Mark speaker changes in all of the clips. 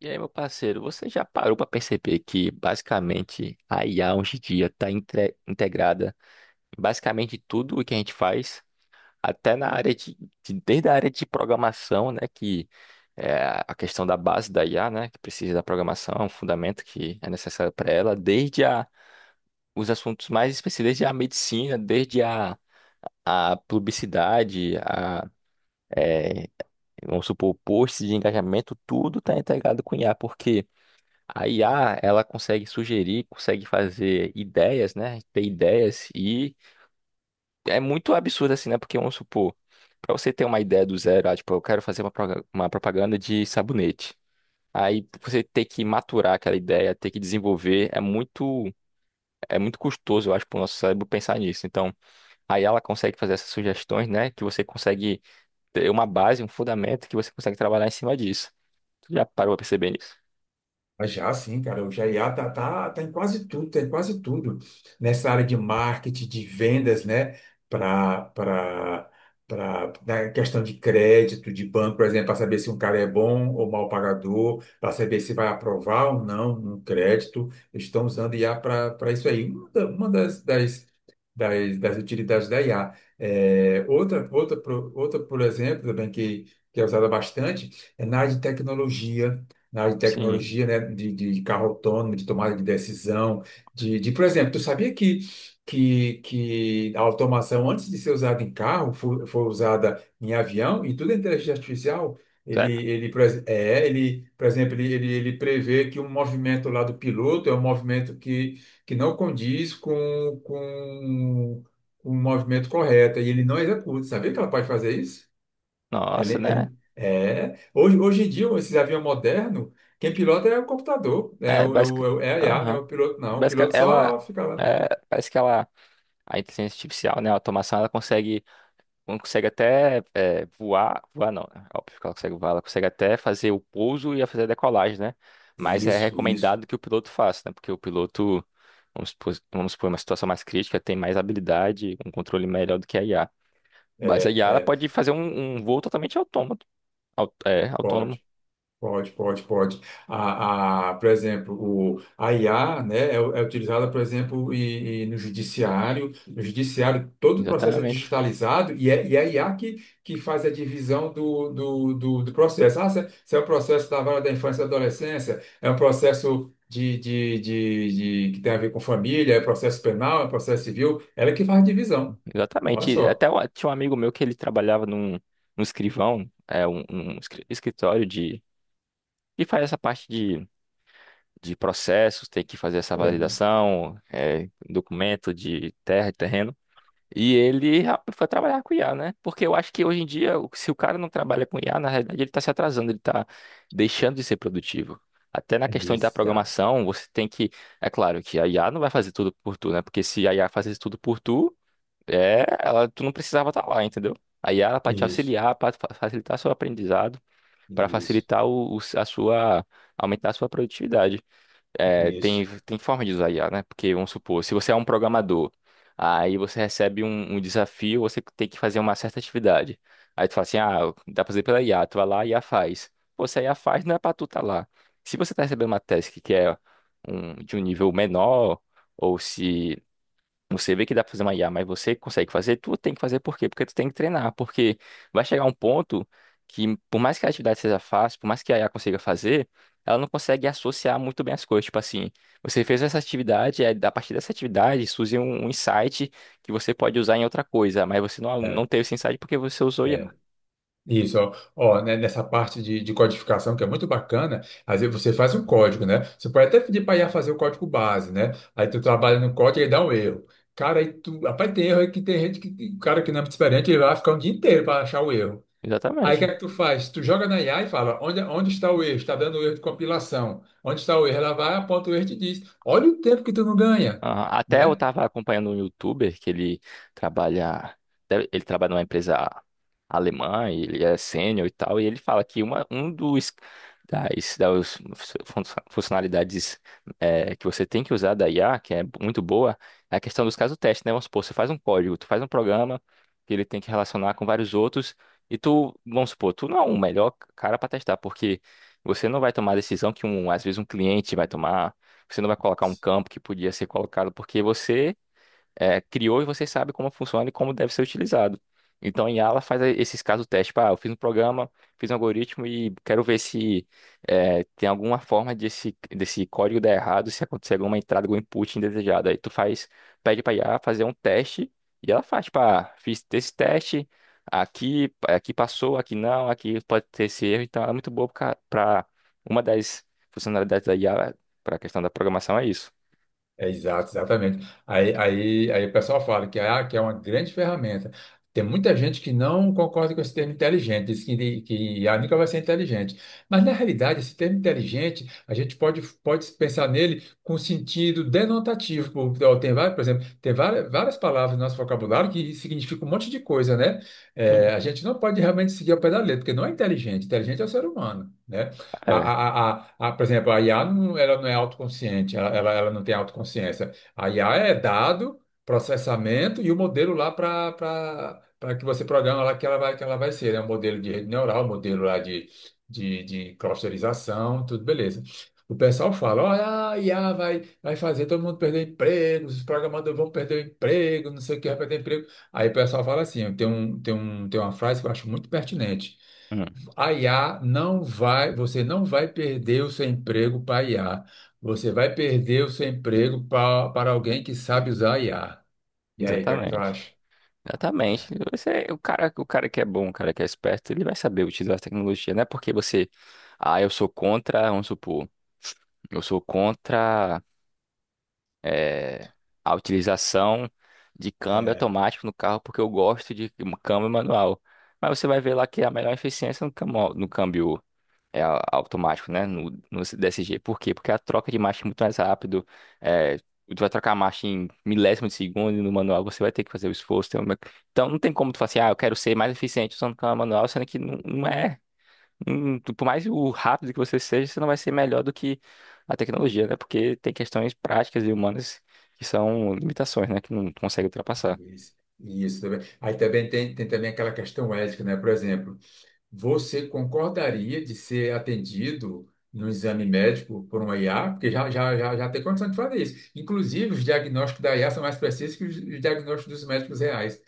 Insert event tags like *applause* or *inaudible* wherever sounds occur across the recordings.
Speaker 1: E aí, meu parceiro, você já parou para perceber que basicamente a IA hoje em dia está integrada em basicamente tudo o que a gente faz, até na área de desde a área de programação, né, que é a questão da base da IA, né, que precisa da programação, é um fundamento que é necessário para ela, desde a, os assuntos mais específicos, desde a medicina, desde a publicidade, é, vamos supor, posts de engajamento, tudo está integrado com IA, porque a IA, ela consegue sugerir, consegue fazer ideias, né? Ter ideias e é muito absurdo assim, né? Porque vamos supor, para você ter uma ideia do zero, ah, tipo, eu quero fazer uma propaganda de sabonete. Aí você ter que maturar aquela ideia, ter que desenvolver, é muito custoso, eu acho, para o nosso cérebro pensar nisso. Então, aí ela consegue fazer essas sugestões, né? Que você consegue ter uma base, um fundamento que você consegue trabalhar em cima disso. Tu já parou pra perceber isso?
Speaker 2: Mas já sim, cara, o GIA tá em quase tudo, tem quase tudo nessa área de marketing, de vendas, né? Para para para na questão de crédito, de banco, por exemplo, para saber se um cara é bom ou mau pagador, para saber se vai aprovar ou não um crédito, eles estão usando IA para isso aí. Uma das utilidades da IA. É, outra, por exemplo, também que é usada bastante, é na área de tecnologia na área de
Speaker 1: Sim.
Speaker 2: tecnologia, né, de carro autônomo, de tomada de decisão, por exemplo, tu sabia que a automação, antes de ser usada em carro, foi usada em avião e tudo é inteligência artificial? Ele,
Speaker 1: Sério?
Speaker 2: ele, por ex- é, ele, por exemplo, ele prevê que um movimento lá do piloto é um movimento que não condiz com o movimento correto, e ele não executa. Sabia que ela pode fazer isso? Ele,
Speaker 1: Nossa, né?
Speaker 2: ele- é, hoje, hoje em dia, esses aviões modernos, quem pilota é o computador, né? é,
Speaker 1: É,
Speaker 2: o, é,
Speaker 1: basic...
Speaker 2: o, é a IA, né?
Speaker 1: Aham.
Speaker 2: O piloto não, o piloto
Speaker 1: Ela
Speaker 2: só fica lá.
Speaker 1: é, parece que ela a inteligência artificial, né, a automação, ela consegue, consegue até voar, voar não, né, óbvio que ela consegue voar, ela consegue até fazer o pouso e a fazer a decolagem, né? Mas é
Speaker 2: Isso, isso.
Speaker 1: recomendado que o piloto faça, né? Porque o piloto, vamos supor uma situação mais crítica, tem mais habilidade, um controle melhor do que a IA. Mas a
Speaker 2: É,
Speaker 1: IA ela pode
Speaker 2: é.
Speaker 1: fazer um voo totalmente autômato,
Speaker 2: Bom,
Speaker 1: autônomo,
Speaker 2: pode, pode, pode. A, por exemplo, o, a IA, né, é utilizada, por exemplo, e no judiciário. No judiciário, todo o processo é
Speaker 1: exatamente.
Speaker 2: digitalizado e é a IA que faz a divisão do processo. Ah, se é o processo da vara da infância e adolescência, é um processo que tem a ver com família, é processo penal, é processo civil. Ela é que faz a divisão. Olha
Speaker 1: Exatamente.
Speaker 2: só.
Speaker 1: Tinha um amigo meu que ele trabalhava num, num escrivão, escritório de, que faz essa parte de processos, tem que fazer essa
Speaker 2: É, né?
Speaker 1: validação, é, documento de terra e terreno. Foi trabalhar com IA, né? Porque eu acho que hoje em dia, o- se o cara não trabalha com IA, na realidade ele está se atrasando, ele está deixando de ser produtivo. Até na questão da
Speaker 2: Exato.
Speaker 1: programação, você tem que. É claro que a IA não vai fazer tudo por tu, né? Porque se a IA fazesse tudo por tu, tu não precisava estar lá, entendeu? A Yara para te
Speaker 2: Isso,
Speaker 1: auxiliar, para facilitar seu aprendizado, para
Speaker 2: isso,
Speaker 1: facilitar a sua, aumentar a sua produtividade.
Speaker 2: isso.
Speaker 1: Tem forma de usar I a Yara, né? Porque, vamos supor, se você é um programador, aí você recebe um desafio, você tem que fazer uma certa atividade. Aí tu fala assim, ah, dá pra fazer pela IA, tu vai lá e a IA faz. Pô, se a IA faz, não é pra tu tá lá. Se você tá recebendo uma task que é de um nível menor, ou se você vê que dá pra fazer uma IA, mas você consegue fazer, tu tem que fazer por quê? Porque tu tem que treinar, porque vai chegar um ponto que, por mais que a atividade seja fácil, por mais que a IA consiga fazer, ela não consegue associar muito bem as coisas. Tipo assim, você fez essa atividade, aí, a partir dessa atividade surge um insight que você pode usar em outra coisa, mas você não teve esse insight porque você usou IA.
Speaker 2: É. Isso, ó, né, nessa parte de codificação que é muito bacana, às vezes você faz um código, né? Você pode até pedir para I a fazer o código base, né? Aí tu trabalha no código e ele dá um erro. Cara, aí tu, rapaz, tem erro aí que tem gente que, cara que não é muito experiente, ele vai ficar um dia inteiro para achar o erro. Aí o que
Speaker 1: Exatamente.
Speaker 2: é que tu faz? Tu joga na IA e fala, onde está o erro? Está dando erro de compilação. Onde está o erro? Ela vai, aponta o erro e te diz, olha o tempo que tu não ganha,
Speaker 1: Aham. Até eu
Speaker 2: né?
Speaker 1: tava acompanhando um youtuber que trabalha, ele trabalha numa empresa alemã, e ele é sênior e tal, e ele fala que um das fun- funcionalidades é, que você tem que usar da IA, que é muito boa, é a questão dos casos teste, né? Vamos supor, você faz um código, tu faz um programa que ele tem que relacionar com vários outros, e tu, vamos supor, tu não é o melhor cara para testar, porque você não vai tomar a decisão que um, às vezes um cliente vai tomar, você não vai colocar um campo que podia ser colocado porque você é, criou e você sabe como funciona e como deve ser utilizado. Então, a Yala faz eh, esses casos teste. Tipo, ah, eu fiz um programa, fiz um algoritmo e quero ver se é, tem alguma forma desse código dar errado, se acontecer alguma entrada, algum input indesejado. Aí tu faz, pede pra IA fazer um teste e ela faz, tipo, ah, fiz esse teste, aqui, aqui passou, aqui não, aqui pode ter esse erro. Então, ela é muito boa pra uma das funcionalidades da IA para a questão da programação é isso.
Speaker 2: É, exato, exatamente. Aí o pessoal fala que é uma grande ferramenta. Tem muita gente que não concorda com esse termo inteligente, diz que I a nunca vai ser inteligente. Mas, na realidade, esse termo inteligente, a gente pode pensar nele com sentido denotativo. Por exemplo, tem várias, várias palavras no nosso vocabulário que significam um monte de coisa, né? É,
Speaker 1: Sim.
Speaker 2: a gente não pode realmente seguir ao pé da letra, porque não é inteligente. Inteligente é o ser humano, né? A, a,
Speaker 1: É,
Speaker 2: a, a, a- por exemplo, a IA não, ela não é autoconsciente, ela não tem autoconsciência. A IA é dado, processamento e o modelo lá para que você programa lá que ela vai ser, né? Um modelo de rede neural, um modelo lá de clusterização, tudo beleza. O pessoal fala, olha, a IA vai fazer todo mundo perder emprego, os programadores vão perder o emprego, não sei o que vai perder emprego. Aí o pessoal fala assim, tem uma frase que eu acho muito pertinente.
Speaker 1: hum,
Speaker 2: A IA não vai, você não vai perder o seu emprego para a IA. Você vai perder o seu emprego para alguém que sabe usar a IA. E aí, o que é que tu
Speaker 1: exatamente.
Speaker 2: acha?
Speaker 1: Exatamente. Você, o cara que é bom, o cara que é esperto, ele vai saber utilizar a tecnologia. Não é porque você, ah, eu sou contra, vamos supor, eu sou contra eh, a utilização de câmbio
Speaker 2: É.
Speaker 1: automático no carro porque eu gosto de câmbio manual. Mas você vai ver lá que a melhor eficiência é no câmbio automático, né? No DSG. Por quê? Porque a troca de marcha é muito mais rápido. É, tu vai trocar a marcha em milésimo de segundo e no manual você vai ter que fazer o esforço. Tem uma... Então não tem como tu falar assim, ah, eu quero ser mais eficiente usando câmbio manual, sendo que não é. Não- tu- por mais o rápido que você seja, você não vai ser melhor do que a tecnologia, né? Porque tem questões práticas e humanas que são limitações, né? Que não consegue ultrapassar.
Speaker 2: Isso também. Aí também tem também aquela questão ética, né? Por exemplo, você concordaria de ser atendido no exame médico por uma IA? Porque já tem condição de fazer isso. Inclusive, os diagnósticos da IA são mais precisos que os diagnósticos dos médicos reais.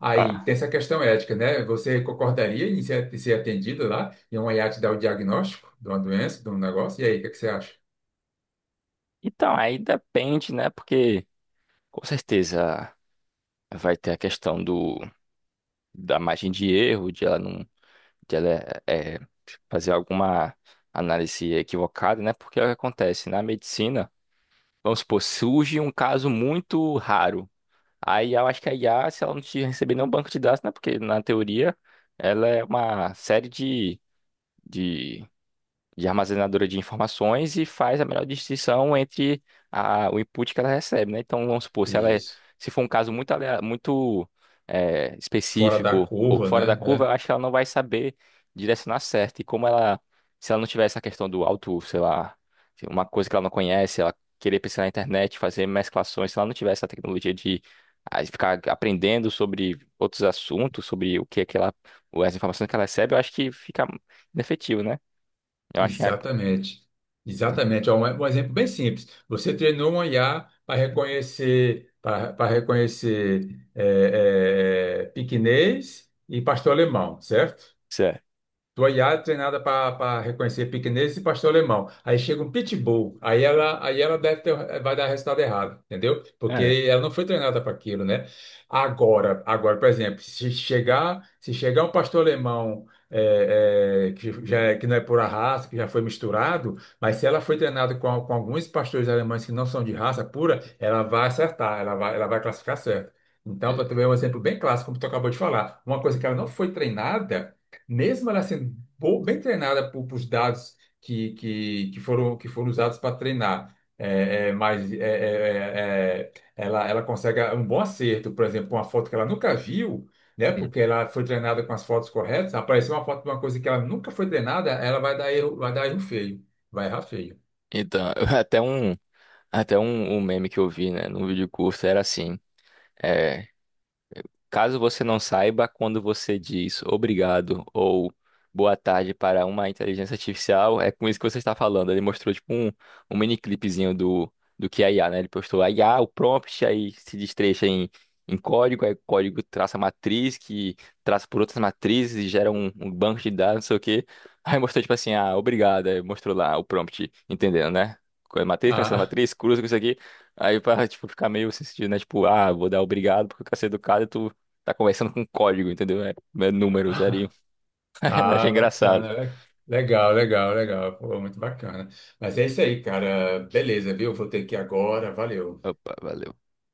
Speaker 2: Aí
Speaker 1: Ah.
Speaker 2: tem essa questão ética, né? Você concordaria em ser atendido lá e uma IA te dar o diagnóstico de uma doença, de um negócio? E aí, o que é que você acha?
Speaker 1: Então, aí depende, né? Porque com certeza vai ter a questão do da margem de erro, de ela não, de ela é, é, fazer alguma análise equivocada, né? Porque é o que acontece na medicina, vamos supor, surge um caso muito raro. Aí eu acho que a IA, se ela não te receber nenhum banco de dados, né? Porque na teoria ela é uma série de de armazenadora de informações e faz a melhor distinção entre a, o input que ela recebe, né? Então, vamos supor, se ela é-
Speaker 2: Isso.
Speaker 1: se for um caso muito,
Speaker 2: Fora da
Speaker 1: específico ou
Speaker 2: curva,
Speaker 1: fora da curva, eu
Speaker 2: né?
Speaker 1: acho que ela não vai saber direcionar certo. E como ela, se ela não tiver essa questão do auto, sei lá, se uma coisa que ela não conhece, ela querer pesquisar na internet, fazer mesclações, se ela não tiver essa tecnologia de ah, ficar aprendendo sobre outros assuntos, sobre o que é que ela, as informações que ela recebe, eu acho que fica inefetivo, né? Eu acho
Speaker 2: Exatamente. Exatamente. Ó, um exemplo bem simples. Você treinou um IA para reconhecer piquinês e pastor alemão, certo?
Speaker 1: Certo.
Speaker 2: Tua Yara treinada para reconhecer pequenês e pastor alemão. Aí chega um pitbull. Aí ela deve ter, vai dar resultado errado, entendeu?
Speaker 1: É,
Speaker 2: Porque ela não foi treinada para aquilo, né? Agora, por exemplo, se chegar um pastor alemão que não é pura raça, que já foi misturado, mas se ela foi treinada com alguns pastores alemães que não são de raça pura, ela vai acertar, ela vai classificar certo. Então, para tu ver
Speaker 1: e-
Speaker 2: um exemplo bem clássico, como tu acabou de falar, uma coisa que ela não foi treinada mesmo ela sendo bem treinada por dados que foram usados para treinar, mas ela consegue um bom acerto, por exemplo, uma foto que ela nunca viu, né?
Speaker 1: sim.
Speaker 2: Porque ela foi treinada com as fotos corretas. Apareceu uma foto de uma coisa que ela nunca foi treinada, ela vai dar erro feio, vai errar feio.
Speaker 1: Então, *laughs* até um, até um, um meme que eu vi, né, num vídeo curto era assim. É, Caso você não saiba, quando você diz obrigado ou boa tarde para uma inteligência artificial, é com isso que você está falando. Ele mostrou tipo um, um mini clipezinho do que é IA, né? Ele postou a IA, o prompt, aí se destrecha em, em código, aí o código traça a matriz, que traça por outras matrizes e gera um banco de dados, não sei o quê. *laughs* Aí mostrou tipo assim, ah, obrigado, aí mostrou lá o prompt, entendendo, né? Qual é a matriz, qual é a
Speaker 2: Ah,
Speaker 1: matriz, cruza com isso aqui. Aí pra, tipo, ficar meio sem sentido, né? Tipo, ah, vou dar obrigado porque eu quero ser educado e tu Tá conversando com código, entendeu? É, é números ali.
Speaker 2: *laughs*
Speaker 1: *laughs* Achei
Speaker 2: ah,
Speaker 1: engraçado.
Speaker 2: bacana, legal, legal, legal, pô, muito bacana. Mas é isso aí, cara. Beleza, viu? Vou ter que ir agora. Valeu.
Speaker 1: Opa, valeu.